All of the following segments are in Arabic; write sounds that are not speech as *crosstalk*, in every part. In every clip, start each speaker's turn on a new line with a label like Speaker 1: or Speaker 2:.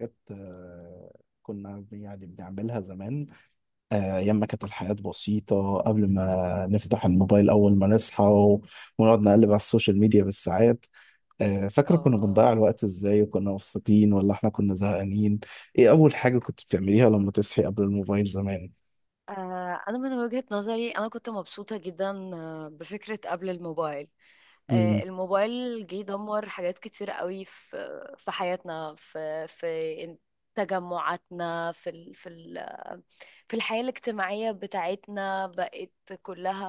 Speaker 1: حاجات كنا يعني بنعملها زمان. أيام ما كانت الحياة بسيطة قبل ما نفتح الموبايل أول ما نصحى ونقعد نقلب على السوشيال ميديا بالساعات. فاكرة كنا
Speaker 2: اه
Speaker 1: بنضيع الوقت إزاي وكنا مبسوطين ولا إحنا كنا زهقانين؟ إيه أول حاجة كنت بتعمليها لما تصحي قبل الموبايل زمان؟
Speaker 2: أنا من وجهة نظري أنا كنت مبسوطة جدا بفكرة قبل الموبايل.
Speaker 1: مم،
Speaker 2: الموبايل جه دمر حاجات كتير قوي في حياتنا، في تجمعاتنا، في ال في ال في الحياة الاجتماعية بتاعتنا، بقت كلها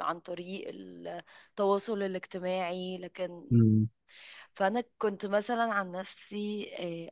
Speaker 2: عن طريق التواصل الاجتماعي. لكن
Speaker 1: مم،
Speaker 2: فأنا كنت مثلا عن نفسي،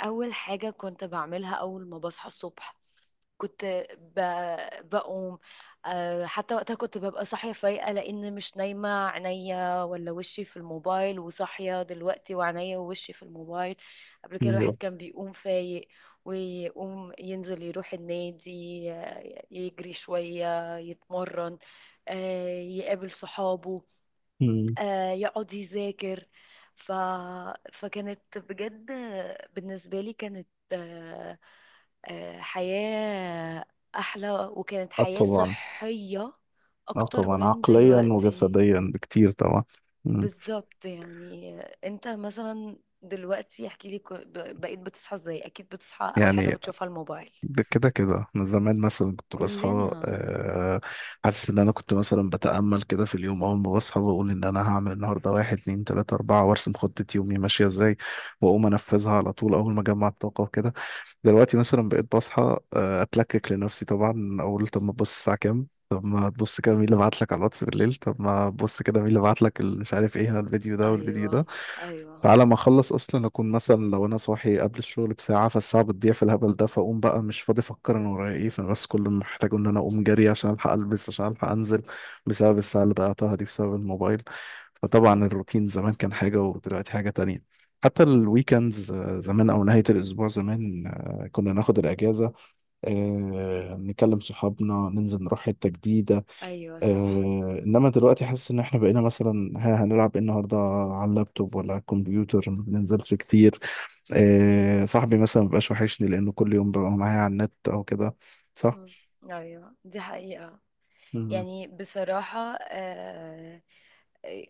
Speaker 2: أول حاجة كنت بعملها أول ما بصحى الصبح كنت ب... بقوم. حتى وقتها كنت ببقى صاحية فايقة، لأن مش نايمة عينيا ولا وشي في الموبايل، وصاحية دلوقتي وعينيا ووشي في الموبايل. قبل كده الواحد
Speaker 1: أيوه،
Speaker 2: كان بيقوم فايق، ويقوم ينزل يروح النادي، يجري شوية يتمرن، يقابل صحابه،
Speaker 1: مم.
Speaker 2: يقعد يذاكر. ف... فكانت بجد بالنسبة لي كانت، حياة أحلى، وكانت
Speaker 1: اه
Speaker 2: حياة
Speaker 1: طبعا.
Speaker 2: صحية
Speaker 1: اه
Speaker 2: أكتر
Speaker 1: طبعا،
Speaker 2: من
Speaker 1: عقليا
Speaker 2: دلوقتي.
Speaker 1: وجسديا بكتير طبعا. مم.
Speaker 2: بالظبط. يعني أنت مثلا دلوقتي احكي لي، بقيت بتصحى ازاي؟ أكيد بتصحى أول حاجة
Speaker 1: يعني
Speaker 2: بتشوفها الموبايل.
Speaker 1: ده كده كده انا زمان مثلا كنت بصحى،
Speaker 2: كلنا.
Speaker 1: حاسس ان انا كنت مثلا بتأمل كده في اليوم اول ما بصحى، بقول ان انا هعمل النهارده واحد اتنين تلاتة اربعة وارسم خطة يومي ماشية ازاي، واقوم انفذها على طول اول ما اجمع الطاقة وكده. دلوقتي مثلا بقيت بصحى، اتلكك لنفسي طبعا، اقول طب ما تبص الساعة كام، طب ما تبص كده مين اللي بعت لك على الواتس بالليل، طب ما تبص كده مين اللي بعت لك مش عارف ايه، هنا الفيديو ده والفيديو ده.
Speaker 2: أيوه. أيوه.
Speaker 1: فعلى ما اخلص اصلا اكون مثلا لو انا صاحي قبل الشغل بساعه، فالساعه بتضيع في الهبل ده، فاقوم بقى مش فاضي افكر انا ورايا ايه، فبس كل اللي محتاجه ان انا اقوم جري عشان الحق البس عشان الحق انزل، بسبب الساعه اللي ضيعتها دي بسبب الموبايل. فطبعا الروتين زمان كان حاجه ودلوقتي حاجه تانية. حتى الويكندز زمان او نهايه الاسبوع زمان، كنا ناخد الاجازه، نكلم صحابنا، ننزل نروح حته جديده.
Speaker 2: أيوه،
Speaker 1: آه،
Speaker 2: صح.
Speaker 1: انما دلوقتي حاسس ان احنا بقينا مثلا هنلعب إيه النهارده على اللابتوب ولا على الكمبيوتر، ما بننزلش كتير. آه، صاحبي مثلا مبقاش وحشني لانه كل يوم ببقى معايا على النت او كده. صح؟
Speaker 2: أيوه، دي حقيقة.
Speaker 1: مم.
Speaker 2: يعني بصراحة،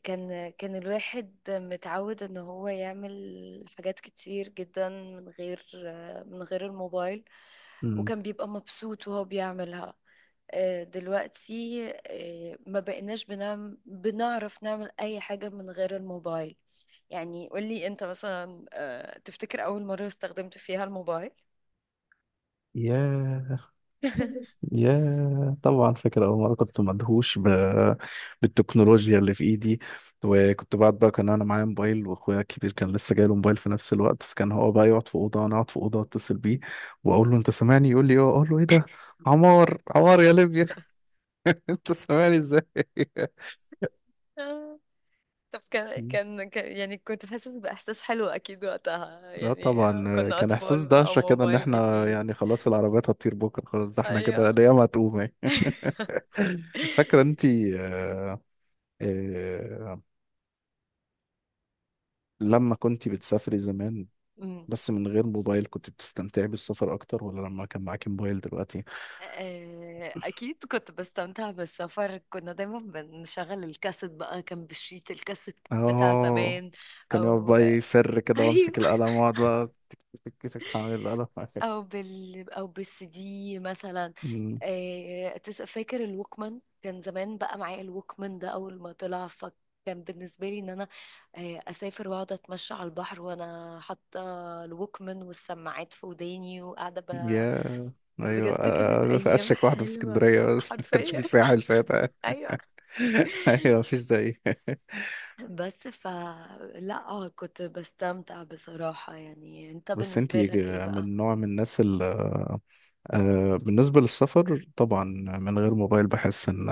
Speaker 2: كان الواحد متعود ان هو يعمل حاجات كتير جدا من غير، من غير الموبايل،
Speaker 1: مم.
Speaker 2: وكان بيبقى مبسوط وهو بيعملها. دلوقتي ما بقيناش بنعرف نعمل اي حاجة من غير الموبايل. يعني قولي انت مثلا، تفتكر اول مرة استخدمت فيها الموبايل؟
Speaker 1: ياه، يا طبعا فاكر أول مرة كنت مدهوش بالتكنولوجيا اللي في إيدي. وكنت بعد بقى كان أنا معايا موبايل وأخويا الكبير كان لسه جاي له موبايل في نفس الوقت، فكان هو بقى يقعد في أوضة وأنا أقعد في أوضة أتصل بيه وأقول له أنت سامعني، يقول لي أه، أقول له إيه ده، عمار عمار يا ليبيا. *laughs* أنت سامعني إزاي؟
Speaker 2: *laughs* طب يعني كنت حاسس بإحساس حلو أكيد وقتها،
Speaker 1: لا
Speaker 2: يعني
Speaker 1: طبعا
Speaker 2: كنا
Speaker 1: كان إحساس
Speaker 2: أطفال بقى،
Speaker 1: دهشة كده إن
Speaker 2: موبايل
Speaker 1: إحنا
Speaker 2: جديد.
Speaker 1: يعني خلاص العربيات هتطير بكرة، خلاص ده إحنا
Speaker 2: أيوه.
Speaker 1: كده الأيام هتقوم يعني.
Speaker 2: *laughs*
Speaker 1: *laughs* فاكرة أنتي آه، لما كنت بتسافري زمان
Speaker 2: أمم.
Speaker 1: بس من غير موبايل كنت بتستمتعي بالسفر اكتر ولا لما كان معاكي موبايل دلوقتي؟
Speaker 2: أكيد كنت بستمتع بالسفر. كنا دايما بنشغل الكاسيت بقى، كان بالشيت الكاسيت بتاع
Speaker 1: اه،
Speaker 2: زمان.
Speaker 1: كان يقعد
Speaker 2: أو
Speaker 1: بقى يفر
Speaker 2: *laughs*
Speaker 1: كده وامسك
Speaker 2: أيوه.
Speaker 1: القلم واقعد بقى تك. تك تك تك هعمل القلم.
Speaker 2: او بالسي دي مثلا.
Speaker 1: أمم،
Speaker 2: فاكر الوكمان، كان زمان بقى معايا الوكمان ده اول ما طلع، فكان بالنسبه لي ان انا اسافر واقعد اتمشى على البحر وانا حاطه الوكمان والسماعات في وداني وقاعده
Speaker 1: يا ايوه،
Speaker 2: بجد كانت
Speaker 1: في
Speaker 2: ايام
Speaker 1: اشك واحده في
Speaker 2: حلوه
Speaker 1: اسكندريه بس. *laughs* ما كانش
Speaker 2: حرفيا.
Speaker 1: في ساحل
Speaker 2: *laughs*
Speaker 1: ساعتها.
Speaker 2: ايوه.
Speaker 1: *laughs* ايوه، مفيش زي.
Speaker 2: بس ف لا، كنت بستمتع بصراحه. يعني انت
Speaker 1: *laughs* بس
Speaker 2: بالنسبه
Speaker 1: انتي
Speaker 2: لك ايه بقى؟
Speaker 1: من نوع من الناس اللي بالنسبة للسفر طبعا من غير موبايل بحس ان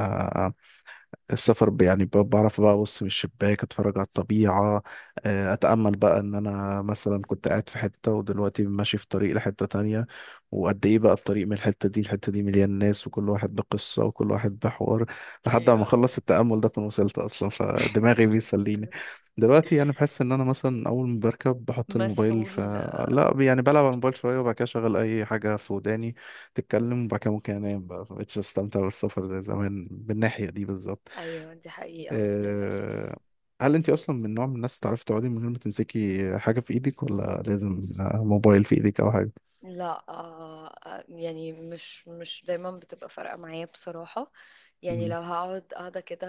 Speaker 1: السفر بعرف بقى ابص من الشباك اتفرج على الطبيعه، اتامل بقى ان انا مثلا كنت قاعد في حته ودلوقتي ماشي في طريق لحته تانية، وقد ايه بقى الطريق من الحته دي الحته دي مليان ناس وكل واحد بقصه وكل واحد بحوار، لحد ما
Speaker 2: ايوه.
Speaker 1: اخلص التامل ده اكون وصلت اصلا، فدماغي بيسليني. دلوقتي يعني بحس ان انا مثلا اول ما بركب بحط الموبايل،
Speaker 2: مسحول.
Speaker 1: لا، يعني بلعب على الموبايل شويه وبعد كده اشغل اي حاجه في وداني تتكلم وبعد كده ممكن انام بقى، مبقتش بستمتع بالسفر زي زمان بالناحية دي بالظبط.
Speaker 2: ايوه، دي حقيقة للأسف.
Speaker 1: آه، هل انت اصلا من نوع من الناس تعرفي تقعدي من غير ما تمسكي حاجه في ايدك ولا لازم موبايل في ايدك او حاجه؟
Speaker 2: لا يعني مش دايما بتبقى فارقة معايا بصراحة. يعني
Speaker 1: مم.
Speaker 2: لو هقعد قاعدة كده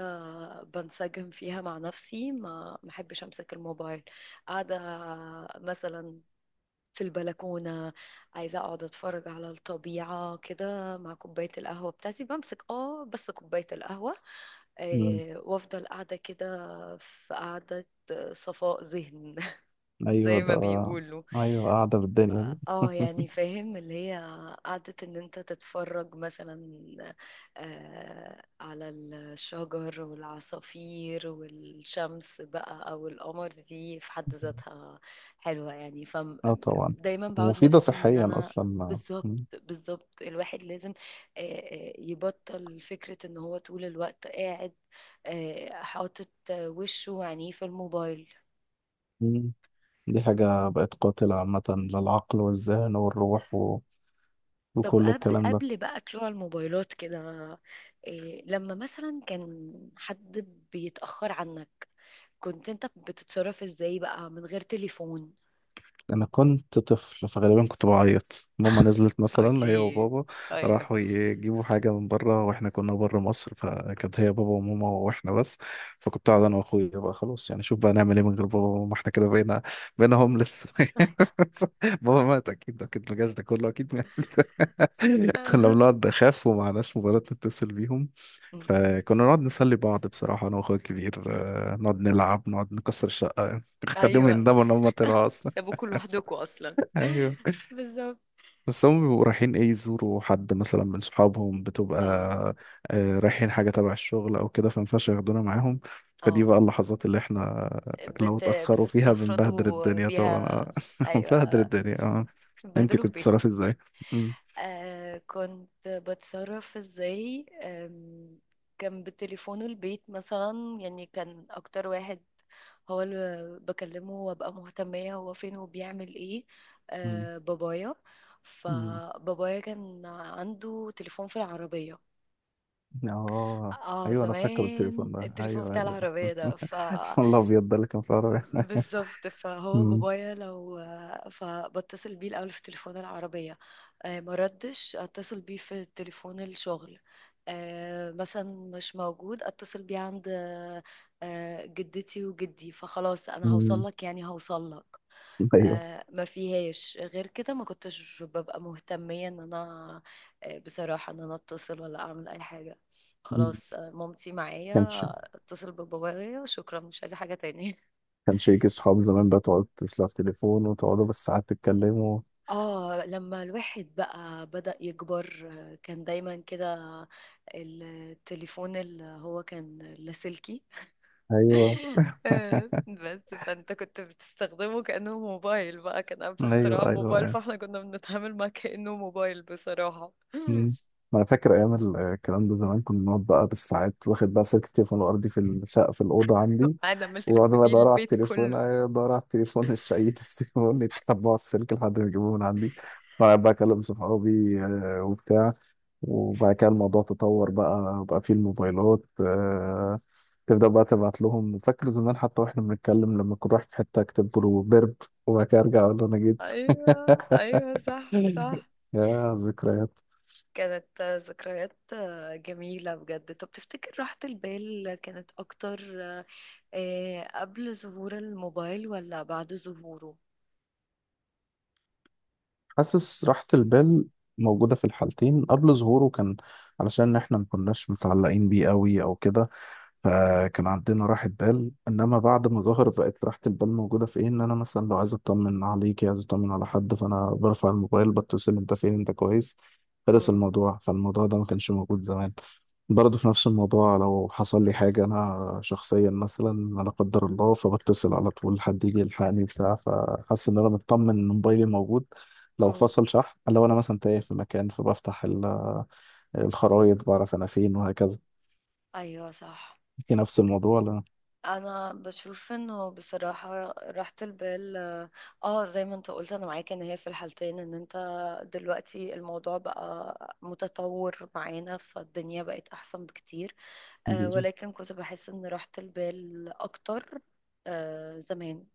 Speaker 2: بنسجم فيها مع نفسي، ما محبش امسك الموبايل. قاعدة مثلا في البلكونة، عايزة اقعد اتفرج على الطبيعة كده مع كوباية القهوة بتاعتي، بمسك اه بس كوباية القهوة،
Speaker 1: مم.
Speaker 2: وافضل قاعدة كده في قعدة صفاء ذهن *laughs*
Speaker 1: ايوه
Speaker 2: زي
Speaker 1: ده.
Speaker 2: ما بيقولوا.
Speaker 1: ايوه، قاعده بالدنيا دي.
Speaker 2: اه يعني
Speaker 1: *laughs*
Speaker 2: فاهم اللي هي قعدة ان انت تتفرج مثلا على الشجر والعصافير والشمس بقى او القمر، دي في حد ذاتها حلوة يعني،
Speaker 1: اه طبعا،
Speaker 2: فدايما بعود
Speaker 1: ومفيده
Speaker 2: نفسي ان
Speaker 1: صحيا
Speaker 2: انا.
Speaker 1: اصلا.
Speaker 2: بالظبط
Speaker 1: مم.
Speaker 2: بالظبط، الواحد لازم يبطل فكرة ان هو طول الوقت قاعد حاطط وشه وعينيه في الموبايل.
Speaker 1: مم. دي حاجه بقت قاتله عامه للعقل والذهن والروح
Speaker 2: طب
Speaker 1: وكل
Speaker 2: قبل
Speaker 1: الكلام ده.
Speaker 2: قبل بقى طلوع الموبايلات كده، إيه لما مثلا كان حد بيتأخر عنك، كنت انت بتتصرف ازاي بقى من غير تليفون؟
Speaker 1: انا كنت طفل فغالبا كنت بعيط. ماما نزلت
Speaker 2: او
Speaker 1: مثلا
Speaker 2: جي.
Speaker 1: هي وبابا
Speaker 2: ايوه.
Speaker 1: راحوا يجيبوا حاجه من بره، واحنا كنا بره مصر، فكانت هي بابا وماما واحنا بس، فكنت قاعد انا واخويا بقى خلاص يعني شوف بقى نعمل ايه من غير بابا وماما احنا كده، بقينا، هوملس. *laughs* بابا مات، اكيد اكيد ما جاش، ده كله اكيد مات. *laughs* كنا
Speaker 2: *laughs*
Speaker 1: بنقعد نخاف ومعناش موبايلات نتصل بيهم،
Speaker 2: مم.
Speaker 1: فكنا نقعد نسلي بعض بصراحه انا واخويا الكبير، نقعد نلعب، نقعد نكسر الشقه، *laughs* نخليهم
Speaker 2: ايوه،
Speaker 1: يندموا ان هم طلعوا اصلا.
Speaker 2: سابوكوا لوحدكم اصلا.
Speaker 1: ايوه.
Speaker 2: بالظبط.
Speaker 1: بس هم بيبقوا رايحين ايه، يزوروا حد مثلا من صحابهم، بتبقى
Speaker 2: اه
Speaker 1: رايحين حاجه تبع الشغل او كده، فمينفعش ياخدونا معاهم. فدي
Speaker 2: اه،
Speaker 1: بقى اللحظات اللي احنا لو اتاخروا فيها بنبهدل
Speaker 2: بتستفردوا
Speaker 1: الدنيا طبعا
Speaker 2: بيها.
Speaker 1: آه. *laughs* بنبهدل
Speaker 2: ايوه،
Speaker 1: الدنيا، اه. انت
Speaker 2: بتبهدلوا
Speaker 1: كنت
Speaker 2: البيت.
Speaker 1: بتصرفي ازاي؟ مم.
Speaker 2: آه كنت بتصرف ازاي؟ كان بتليفونه البيت مثلا، يعني كان اكتر واحد هو اللي بكلمه وابقى مهتمية هو فين وبيعمل ايه
Speaker 1: مم.
Speaker 2: آه بابايا.
Speaker 1: مم.
Speaker 2: فبابايا كان عنده تليفون في العربية.
Speaker 1: اه،
Speaker 2: اه،
Speaker 1: ايوه، انا فاكر
Speaker 2: زمان
Speaker 1: التليفون ده،
Speaker 2: التليفون
Speaker 1: ايوه
Speaker 2: بتاع
Speaker 1: ايوه.
Speaker 2: العربية ده ف
Speaker 1: *laughs* والله ابيض ده اللي كان في العربية. *laughs*
Speaker 2: بالظبط. فهو
Speaker 1: مم.
Speaker 2: بابايا لو فبتصل بيه الأول في تليفون العربية، ما ردش اتصل بيه في تليفون الشغل، مثلا مش موجود اتصل بيه عند جدتي وجدي، فخلاص انا هوصل
Speaker 1: مم.
Speaker 2: لك يعني هوصل لك.
Speaker 1: ايوه.
Speaker 2: ما فيهاش غير كده. ما كنتش ببقى مهتمية ان انا بصراحة ان انا اتصل ولا اعمل اي حاجة.
Speaker 1: مم.
Speaker 2: خلاص مامتي
Speaker 1: كانش.
Speaker 2: معايا، اتصل ببابايا شكرا، مش عايزة حاجة تاني. *laughs*
Speaker 1: يجي صحاب زمان بقى تقعد تتصل على التليفون وتقعدوا بالساعات تتكلموا؟
Speaker 2: اه لما الواحد بقى بدأ يكبر، كان دايما كده التليفون اللي هو كان لاسلكي.
Speaker 1: ايوه.
Speaker 2: *laughs*
Speaker 1: *laughs*
Speaker 2: بس فانت كنت بتستخدمه كأنه موبايل بقى، كان قبل
Speaker 1: ايوه
Speaker 2: اختراع
Speaker 1: ايوه
Speaker 2: الموبايل،
Speaker 1: يعني.
Speaker 2: فاحنا كنا بنتعامل معاه كأنه موبايل بصراحة. *laughs*
Speaker 1: أمم. ما انا فاكر ايام الكلام ده زمان، كنا بنقعد بقى بالساعات، واخد بقى سلك التليفون الارضي في الشقه في الاوضه عندي،
Speaker 2: انا عملت الف
Speaker 1: واقعد بقى
Speaker 2: بيه
Speaker 1: ادور على
Speaker 2: البيت
Speaker 1: التليفون،
Speaker 2: كله.
Speaker 1: أيوة، ادور على التليفون مش لاقي *laughs* التليفون، يتتبعوا السلك لحد ما يجيبوه من عندي، وأقعد بقى اكلم صحابي وبتاع. وبعد كده الموضوع تطور، بقى فيه الموبايلات، تبدأ بقى تبعت لهم. فاكر زمان حتى واحنا بنتكلم لما كنت رايح في حتة اكتب له برب، وبعد كده ارجع اقول له انا جيت.
Speaker 2: ايوه ايوه، صح صح.
Speaker 1: *laughs* يا ذكريات.
Speaker 2: كانت ذكريات جميلة بجد. طب تفتكر راحة البال كانت اكتر إيه، قبل ظهور الموبايل ولا بعد ظهوره؟
Speaker 1: حاسس راحة البال موجودة في الحالتين. قبل ظهوره كان علشان احنا ما كناش متعلقين بيه قوي او كده، فكان عندنا راحة بال. انما بعد ما ظهر بقت راحة البال موجودة في ايه، ان انا مثلا لو عايز اطمن عليكي عايز اطمن على حد، فانا برفع الموبايل بتصل، انت فين، انت كويس، خلص
Speaker 2: مم.
Speaker 1: الموضوع، فالموضوع ده ما كانش موجود زمان. برضه في نفس الموضوع، لو حصل لي حاجة انا شخصيا مثلا لا قدر الله، فبتصل على طول حد يجي يلحقني بتاع، فحاسس ان انا مطمن ان موبايلي موجود، لو
Speaker 2: مم.
Speaker 1: فصل شحن، لو انا مثلا تايه في مكان فبفتح الخرايط بعرف انا فين وهكذا.
Speaker 2: ايوه صح.
Speaker 1: في نفس الموضوع.
Speaker 2: انا بشوف انه بصراحة راحة البال اه، زي ما انت قلت انا معاك ان هي في الحالتين. ان انت دلوقتي الموضوع بقى متطور معانا فالدنيا بقت احسن بكتير، آه
Speaker 1: لا.
Speaker 2: ولكن كنت بحس ان راحة البال اكتر آه زمان.